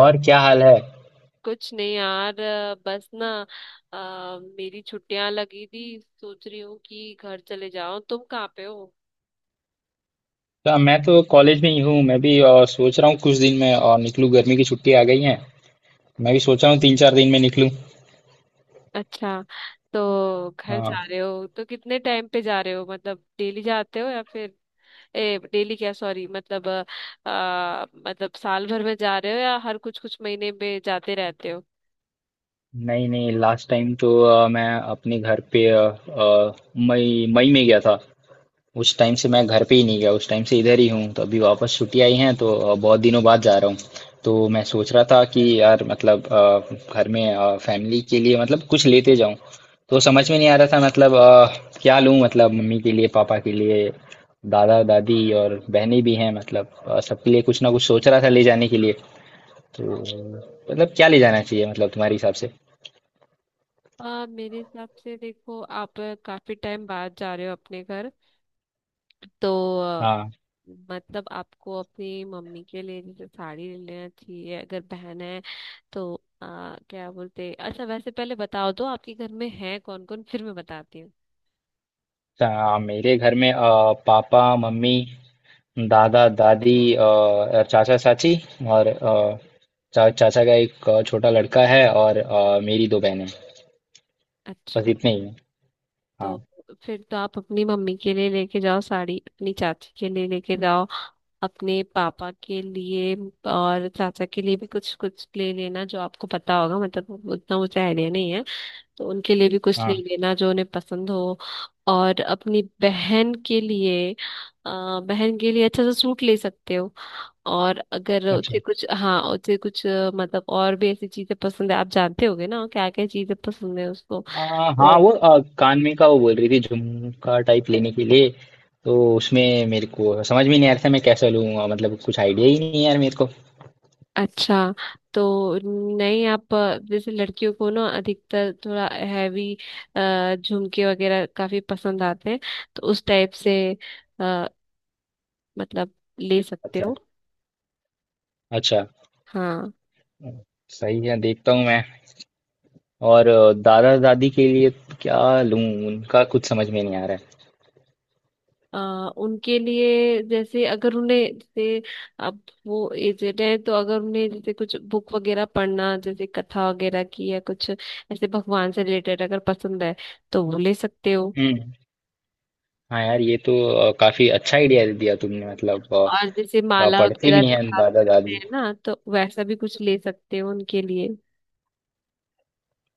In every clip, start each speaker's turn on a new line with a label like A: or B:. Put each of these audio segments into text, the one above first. A: और क्या हाल है?
B: कुछ नहीं यार बस ना। मेरी छुट्टियां लगी थी। सोच रही हूँ कि घर चले जाओ। तुम कहाँ पे हो?
A: तो मैं तो कॉलेज में ही हूँ। मैं भी सोच रहा हूँ कुछ दिन में और निकलूँ, गर्मी की छुट्टी आ गई है। मैं भी सोच रहा हूँ तीन चार दिन में निकलूँ।
B: अच्छा, तो घर
A: हाँ।
B: जा रहे हो तो कितने टाइम पे जा रहे हो? मतलब डेली जाते हो या फिर ए डेली क्या? सॉरी, मतलब मतलब साल भर में जा रहे हो या हर कुछ कुछ महीने में जाते रहते हो?
A: नहीं नहीं, लास्ट टाइम तो मैं अपने घर पे मई मई में गया था। उस टाइम से मैं घर पे ही नहीं गया, उस टाइम से इधर ही हूँ, तो अभी वापस छुट्टी आई हैं तो बहुत दिनों बाद जा रहा हूँ। तो मैं सोच रहा था कि यार, मतलब घर में फैमिली के लिए मतलब कुछ लेते जाऊं। तो समझ में नहीं आ रहा था मतलब क्या लूं, मतलब मम्मी के लिए, पापा के लिए, दादा दादी और बहनें भी हैं, मतलब सबके लिए कुछ ना कुछ सोच रहा था ले जाने के लिए। तो मतलब क्या ले जाना चाहिए, मतलब तुम्हारे हिसाब से?
B: मेरे हिसाब से देखो, आप काफी टाइम बाद जा रहे हो अपने घर, तो
A: हाँ।
B: मतलब आपको अपनी मम्मी के लिए जैसे साड़ी ले लेना चाहिए। अगर बहन है तो आ, क्या बोलते। अच्छा, वैसे पहले बताओ तो आपके घर में है कौन कौन, फिर मैं बताती हूँ।
A: मेरे घर में पापा मम्मी, दादा दादी, और चाचा चाची, और चाचा का एक छोटा लड़का है, और मेरी दो बहनें। बस
B: अच्छा,
A: इतने ही हैं। हाँ।
B: तो फिर तो आप अपनी मम्मी के लिए लेके जाओ साड़ी, अपनी चाची के लिए लेके जाओ, अपने पापा के लिए और चाचा के लिए भी कुछ कुछ ले लेना, जो आपको पता होगा। मतलब उतना मुझे आइडिया नहीं है, तो उनके लिए भी कुछ ले
A: हाँ।
B: लेना जो उन्हें पसंद हो। और अपनी बहन के लिए बहन के लिए अच्छा सा सूट ले सकते हो। और अगर उसे
A: अच्छा।
B: कुछ, हाँ, उसे कुछ मतलब और भी ऐसी चीजें पसंद है, आप जानते होगे ना क्या क्या चीजें पसंद है उसको
A: हाँ,
B: तो।
A: वो कान में का वो बोल रही थी झुमका टाइप लेने के लिए। तो उसमें मेरे को समझ में नहीं आ रहा था मैं कैसा लूँगा, मतलब कुछ आइडिया ही नहीं है यार मेरे को।
B: अच्छा, तो नहीं, आप जैसे लड़कियों को ना अधिकतर थोड़ा हैवी झुमके वगैरह काफी पसंद आते हैं, तो उस टाइप से अ, मतलब ले सकते
A: अच्छा।
B: हो।
A: अच्छा।
B: हाँ,
A: सही है, देखता हूँ मैं। और दादा दादी के लिए क्या लूँ? उनका कुछ समझ में नहीं आ रहा है।
B: अ, उनके लिए जैसे अगर उन्हें जैसे अब वो एजेड है, तो अगर उन्हें जैसे कुछ बुक वगैरह पढ़ना जैसे कथा वगैरह की या कुछ ऐसे भगवान से रिलेटेड अगर पसंद है तो वो ले सकते हो।
A: हम्म। हाँ यार, ये तो काफी अच्छा आइडिया दिया तुमने, मतलब
B: और जैसे माला
A: पढ़ते
B: वगैरह
A: भी
B: भी
A: हैं
B: प्राप्त
A: दादा
B: करते
A: दादी।
B: हैं ना, तो वैसा भी कुछ ले सकते हो उनके लिए।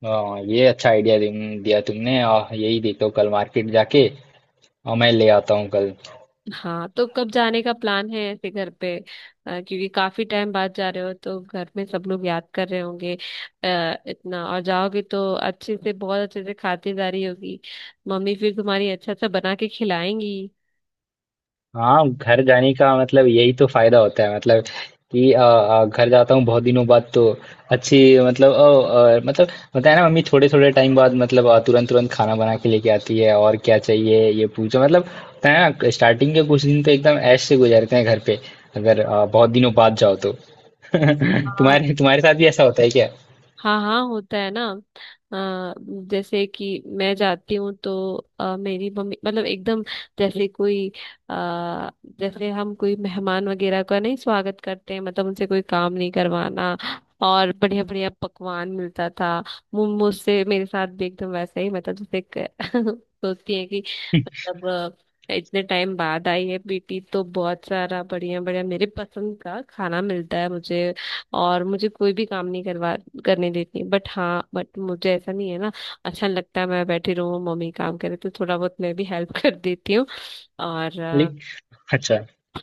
A: अ, ये अच्छा आइडिया दिया तुमने, यही देखो कल मार्केट जाके मैं ले आता हूँ कल।
B: हाँ, तो कब जाने का प्लान है ऐसे घर पे? क्योंकि काफी टाइम बाद जा रहे हो तो घर में सब लोग याद कर रहे होंगे। आ, इतना और जाओगे तो अच्छे से, बहुत अच्छे से खातिरदारी होगी। मम्मी फिर तुम्हारी अच्छा सा बना के खिलाएंगी।
A: हाँ, घर जाने का मतलब यही तो फायदा होता है, मतलब कि घर जाता हूँ बहुत दिनों बाद, तो अच्छी मतलब मतलब होता है ना, मम्मी थोड़े थोड़े टाइम बाद मतलब तुरंत तुरंत खाना बना के लेके आती है और क्या चाहिए ये पूछो, मतलब होता है ना, स्टार्टिंग के कुछ दिन तो एकदम ऐश से गुजरते हैं घर पे, अगर बहुत दिनों बाद जाओ तो। तुम्हारे तुम्हारे साथ भी ऐसा होता है क्या?
B: हाँ हाँ, होता है ना। अ, जैसे कि मैं जाती हूँ तो मेरी मम्मी मतलब एकदम जैसे कोई आ, जैसे हम कोई मेहमान वगैरह का नहीं स्वागत करते हैं, मतलब उनसे कोई काम नहीं करवाना। और बढ़िया बढ़िया पकवान मिलता था। मुझसे, मेरे साथ भी एकदम वैसा ही, मतलब जैसे सोचती है कि मतलब इतने टाइम बाद आई है बेटी तो बहुत सारा बढ़िया बढ़िया मेरे पसंद का खाना मिलता है मुझे। और मुझे कोई भी काम नहीं करवा करने देती है। बट हाँ, बट मुझे ऐसा नहीं है ना, अच्छा लगता है मैं बैठी रहूँ मम्मी काम करे, तो थोड़ा बहुत मैं भी हेल्प कर देती हूँ। और
A: लेकिन- अच्छा।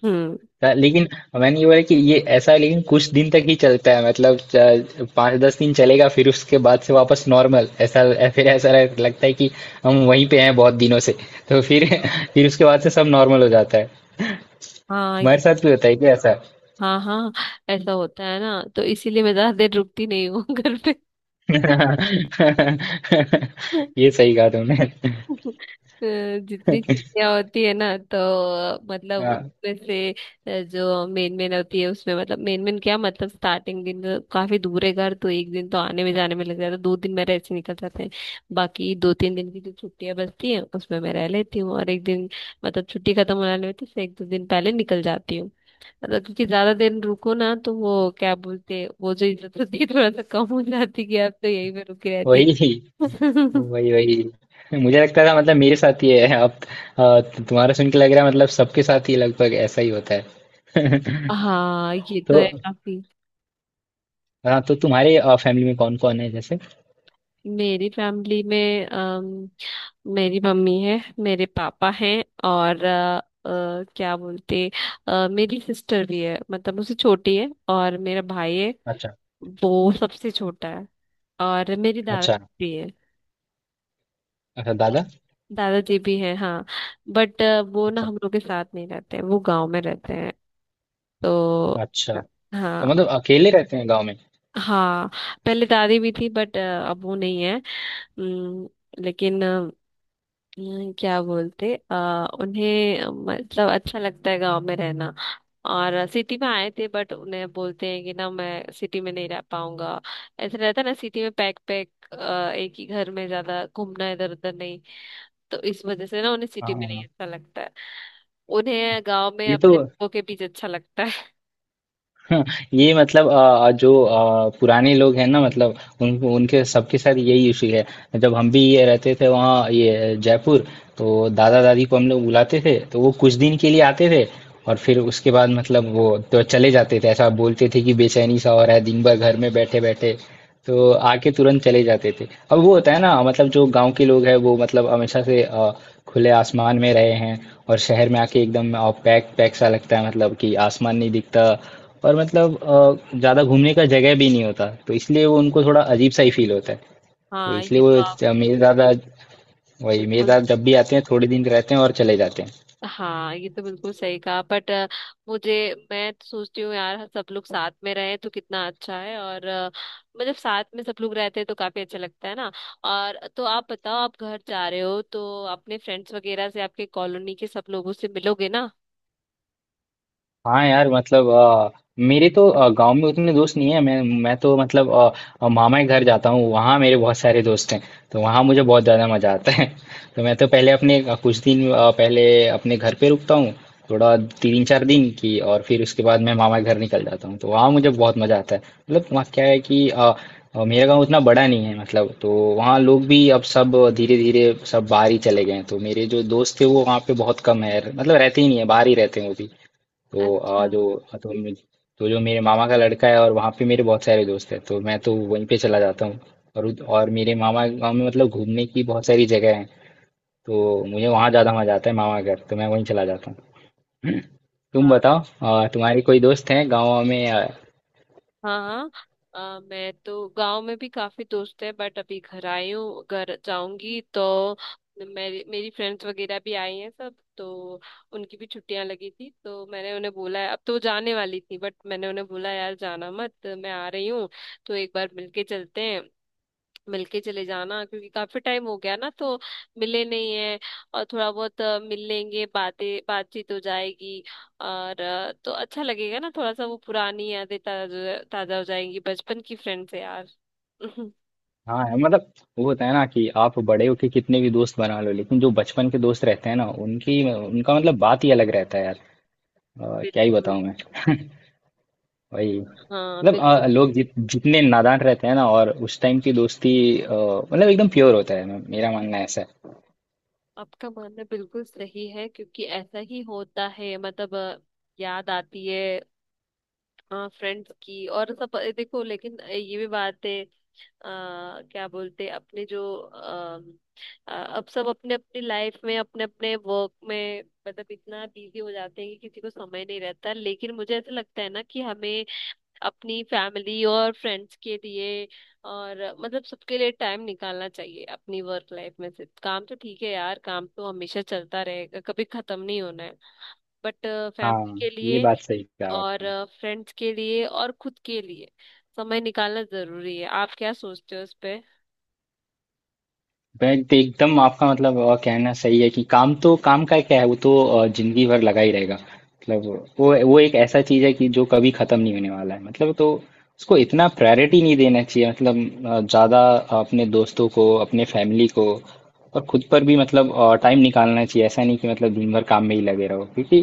B: हम्म।
A: लेकिन मैंने ये बोला कि ये ऐसा है, लेकिन कुछ दिन तक ही चलता है, मतलब पाँच दस दिन चलेगा फिर उसके बाद से वापस नॉर्मल, ऐसा फिर ऐसा लगता है कि हम वहीं पे हैं बहुत दिनों से। तो फिर फिर उसके बाद से सब नॉर्मल हो जाता है।
B: हाँ
A: तुम्हारे साथ भी होता है क्या ऐसा?
B: हाँ हाँ, ऐसा होता है ना, तो इसीलिए मैं ज्यादा देर रुकती नहीं हूँ घर पे।
A: ये सही कहा तुमने।
B: अ, जितनी छुट्टियां होती है ना तो मतलब
A: हाँ।
B: उसमें से जो मेन मेन होती है उसमें, मतलब मेन मेन क्या, मतलब स्टार्टिंग दिन तो काफी दूर है घर, तो एक दिन तो आने में जाने में लग जाता है, दो दिन मेरे ऐसे निकल जाते हैं। बाकी दो तीन दिन की जो छुट्टियां बचती हैं उसमें मैं रह लेती हूँ, और एक दिन मतलब छुट्टी खत्म होने में तो उससे एक दो दिन पहले निकल जाती हूँ। मतलब क्योंकि ज्यादा दिन रुको ना तो वो क्या बोलते हैं, वो जो इज्जत होती है थोड़ा सा कम हो जाती है कि आप तो यहीं पे रुकी रहती
A: वही,
B: है।
A: वही, वही, मुझे लगता था मतलब मेरे साथ ही है अब, अ, तुम्हारा सुन के लग रहा है मतलब सबके साथ ही लगभग ऐसा ही होता है।
B: हाँ, ये तो
A: तो
B: है काफी।
A: हाँ, तो तुम्हारे फैमिली में कौन कौन है जैसे?
B: मेरी फैमिली में मेरी मम्मी है, मेरे पापा हैं, और क्या बोलते, मेरी सिस्टर भी है, मतलब मुझसे छोटी है, और मेरा भाई है,
A: अच्छा।
B: वो सबसे छोटा है। और मेरी
A: अच्छा।
B: दादाजी भी है।
A: अच्छा दादा।
B: दादाजी भी हैं, हाँ। बट वो ना
A: अच्छा।
B: हम लोग के साथ नहीं रहते, वो गांव में रहते हैं तो।
A: अच्छा। तो
B: हाँ।
A: मतलब अकेले रहते हैं गाँव में?
B: हाँ, पहले दादी भी थी बट अब वो नहीं है। अम, लेकिन क्या बोलते, आ, उन्हें मतलब अच्छा लगता है गांव में रहना। और सिटी में आए थे बट उन्हें, बोलते हैं कि ना मैं सिटी में नहीं रह पाऊंगा। ऐसा रहता है ना सिटी में, पैक पैक, एक ही घर में, ज्यादा घूमना इधर उधर नहीं, तो इस वजह से ना उन्हें
A: हाँ।
B: सिटी में
A: हाँ,
B: नहीं
A: हाँ।
B: अच्छा लगता है। उन्हें गांव में
A: ये तो
B: अपने लोगों के बीच अच्छा लगता है।
A: हाँ, ये मतलब जो पुराने लोग हैं ना, मतलब उन उनके सबके साथ यही इशू है। जब हम भी ये रहते थे वहाँ, ये जयपुर, तो दादा दादी को हम लोग बुलाते थे तो वो कुछ दिन के लिए आते थे, और फिर उसके बाद मतलब वो तो चले जाते थे, ऐसा बोलते थे कि बेचैनी सा हो रहा है दिन भर घर में बैठे बैठे, तो आके तुरंत चले जाते थे। अब वो होता है ना, मतलब जो गांव के लोग हैं वो मतलब हमेशा से खुले आसमान में रहे हैं, और शहर में आके एकदम पैक पैक सा लगता है, मतलब कि आसमान नहीं दिखता, और मतलब ज़्यादा घूमने का जगह भी नहीं होता, तो इसलिए वो उनको थोड़ा अजीब सा ही फील होता है। तो
B: हाँ
A: इसलिए
B: ये तो
A: वो
B: आपने,
A: मेरे दादा, वही मेरे
B: बिल्कुल,
A: दादा जब भी आते हैं थोड़े दिन रहते हैं और चले जाते हैं।
B: हाँ ये तो बिल्कुल सही कहा। बट मुझे, मैं तो सोचती हूँ यार सब लोग साथ में रहें तो कितना अच्छा है। और मतलब साथ में सब लोग रहते हैं तो काफी अच्छा लगता है ना। और तो आप बताओ, आप घर जा रहे हो तो अपने फ्रेंड्स वगैरह से, आपके कॉलोनी के सब लोगों से मिलोगे ना?
A: हाँ यार, मतलब मेरे तो गांव में उतने दोस्त नहीं है, मैं तो मतलब मामा के घर जाता हूँ, वहाँ मेरे बहुत सारे दोस्त हैं, तो वहाँ मुझे बहुत ज़्यादा मज़ा आता है। तो मैं तो पहले अपने कुछ दिन पहले अपने घर पे रुकता हूँ थोड़ा तीन चार दिन की, और फिर उसके बाद मैं मामा के घर निकल जाता हूँ तो वहाँ मुझे बहुत मज़ा आता है। मतलब वहाँ क्या है कि मेरा गांव उतना बड़ा नहीं है मतलब, तो वहाँ लोग भी अब सब धीरे धीरे सब बाहर ही चले गए हैं, तो मेरे जो दोस्त थे वो वहाँ पे बहुत कम है, मतलब रहते ही नहीं है बाहर ही रहते हैं वो भी। तो आ
B: अच्छा।
A: जो हाँ, तो मुझे, तो जो मेरे मामा का लड़का है और वहाँ पे मेरे बहुत सारे दोस्त हैं तो मैं तो वहीं पे चला जाता हूँ। और और मेरे मामा के गाँव में मतलब घूमने की बहुत सारी जगह है, तो मुझे वहाँ ज़्यादा मज़ा आता है, मामा घर तो मैं वहीं चला जाता हूँ। तुम
B: हाँ
A: बताओ, तुम्हारे कोई दोस्त हैं गाँव में
B: हाँ, हाँ मैं तो गांव में भी काफी दोस्त है। बट अभी घर आई हूँ, घर जाऊंगी तो मेरी मेरी फ्रेंड्स वगैरह भी आई हैं सब तो, उनकी भी छुट्टियां लगी थी तो मैंने उन्हें बोला है। अब तो वो जाने वाली थी बट मैंने उन्हें बोला यार जाना मत, मैं आ रही हूँ, तो एक बार मिलके चलते हैं, मिलके चले जाना। क्योंकि काफी टाइम हो गया ना, तो मिले नहीं है, और थोड़ा बहुत मिल लेंगे, बातें बातचीत हो जाएगी। और तो अच्छा लगेगा ना, थोड़ा सा वो पुरानी यादें ताजा ताजा हो जाएंगी बचपन की फ्रेंड से यार।
A: हाँ है, मतलब वो होता है ना कि आप बड़े होके कितने भी दोस्त बना लो लेकिन जो बचपन के दोस्त रहते हैं ना उनकी उनका मतलब बात ही अलग रहता है यार। क्या ही
B: बिल्कुल।
A: बताऊँ मैं। वही
B: हाँ
A: मतलब
B: बिल्कुल,
A: लोग जितने नादान रहते हैं ना, और उस टाइम की दोस्ती मतलब एकदम प्योर होता है, मेरा मानना ऐसा है।
B: आपका मानना बिल्कुल सही है, क्योंकि ऐसा ही होता है। मतलब याद आती है हाँ फ्रेंड्स की। और सब देखो, लेकिन ये भी बात है, आ, क्या बोलते हैं, अपने जो अब सब अपने अपनी लाइफ में, अपने अपने वर्क में, मतलब इतना बिजी हो जाते हैं कि किसी को समय नहीं रहता। लेकिन मुझे ऐसा लगता है ना कि हमें अपनी फैमिली और फ्रेंड्स के लिए और मतलब सबके लिए टाइम निकालना चाहिए अपनी वर्क लाइफ में से। काम तो ठीक है यार, काम तो हमेशा चलता रहेगा, कभी खत्म नहीं होना है। बट फैमिली
A: हाँ,
B: के
A: ये
B: लिए
A: बात सही कहा
B: और
A: आपने।
B: फ्रेंड्स के लिए और खुद के लिए समय निकालना जरूरी है। आप क्या सोचते हो इस पे?
A: बट एकदम आपका मतलब कहना सही है कि काम तो काम का क्या है, वो तो जिंदगी भर लगा ही रहेगा, मतलब वो एक ऐसा चीज है कि जो कभी खत्म नहीं होने वाला है, मतलब तो उसको इतना प्रायोरिटी नहीं देना चाहिए, मतलब ज्यादा, अपने दोस्तों को अपने फैमिली को और खुद पर भी मतलब टाइम निकालना चाहिए, ऐसा नहीं कि मतलब दिन भर काम में ही लगे रहो, क्योंकि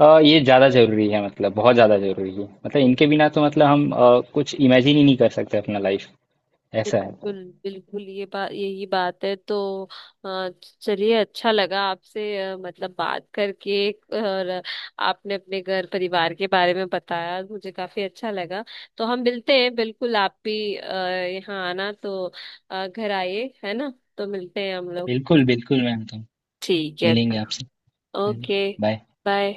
A: ये ज्यादा जरूरी है, मतलब बहुत ज्यादा जरूरी है, मतलब इनके बिना तो मतलब हम कुछ इमेजिन ही नहीं कर सकते अपना लाइफ, ऐसा है।
B: बिल्कुल बिल्कुल, ये बात, यही बात है तो अ, चलिए, अच्छा लगा आपसे मतलब बात करके। और आपने अपने घर परिवार के बारे में बताया, मुझे काफी अच्छा लगा। तो हम मिलते हैं, बिल्कुल। आप भी यहाँ आना तो घर आइए, है ना, तो मिलते हैं हम लोग।
A: बिल्कुल बिल्कुल मैम, तो
B: ठीक है।
A: मिलेंगे आपसे। है नहीं।
B: ओके।
A: बाय।
B: बाय।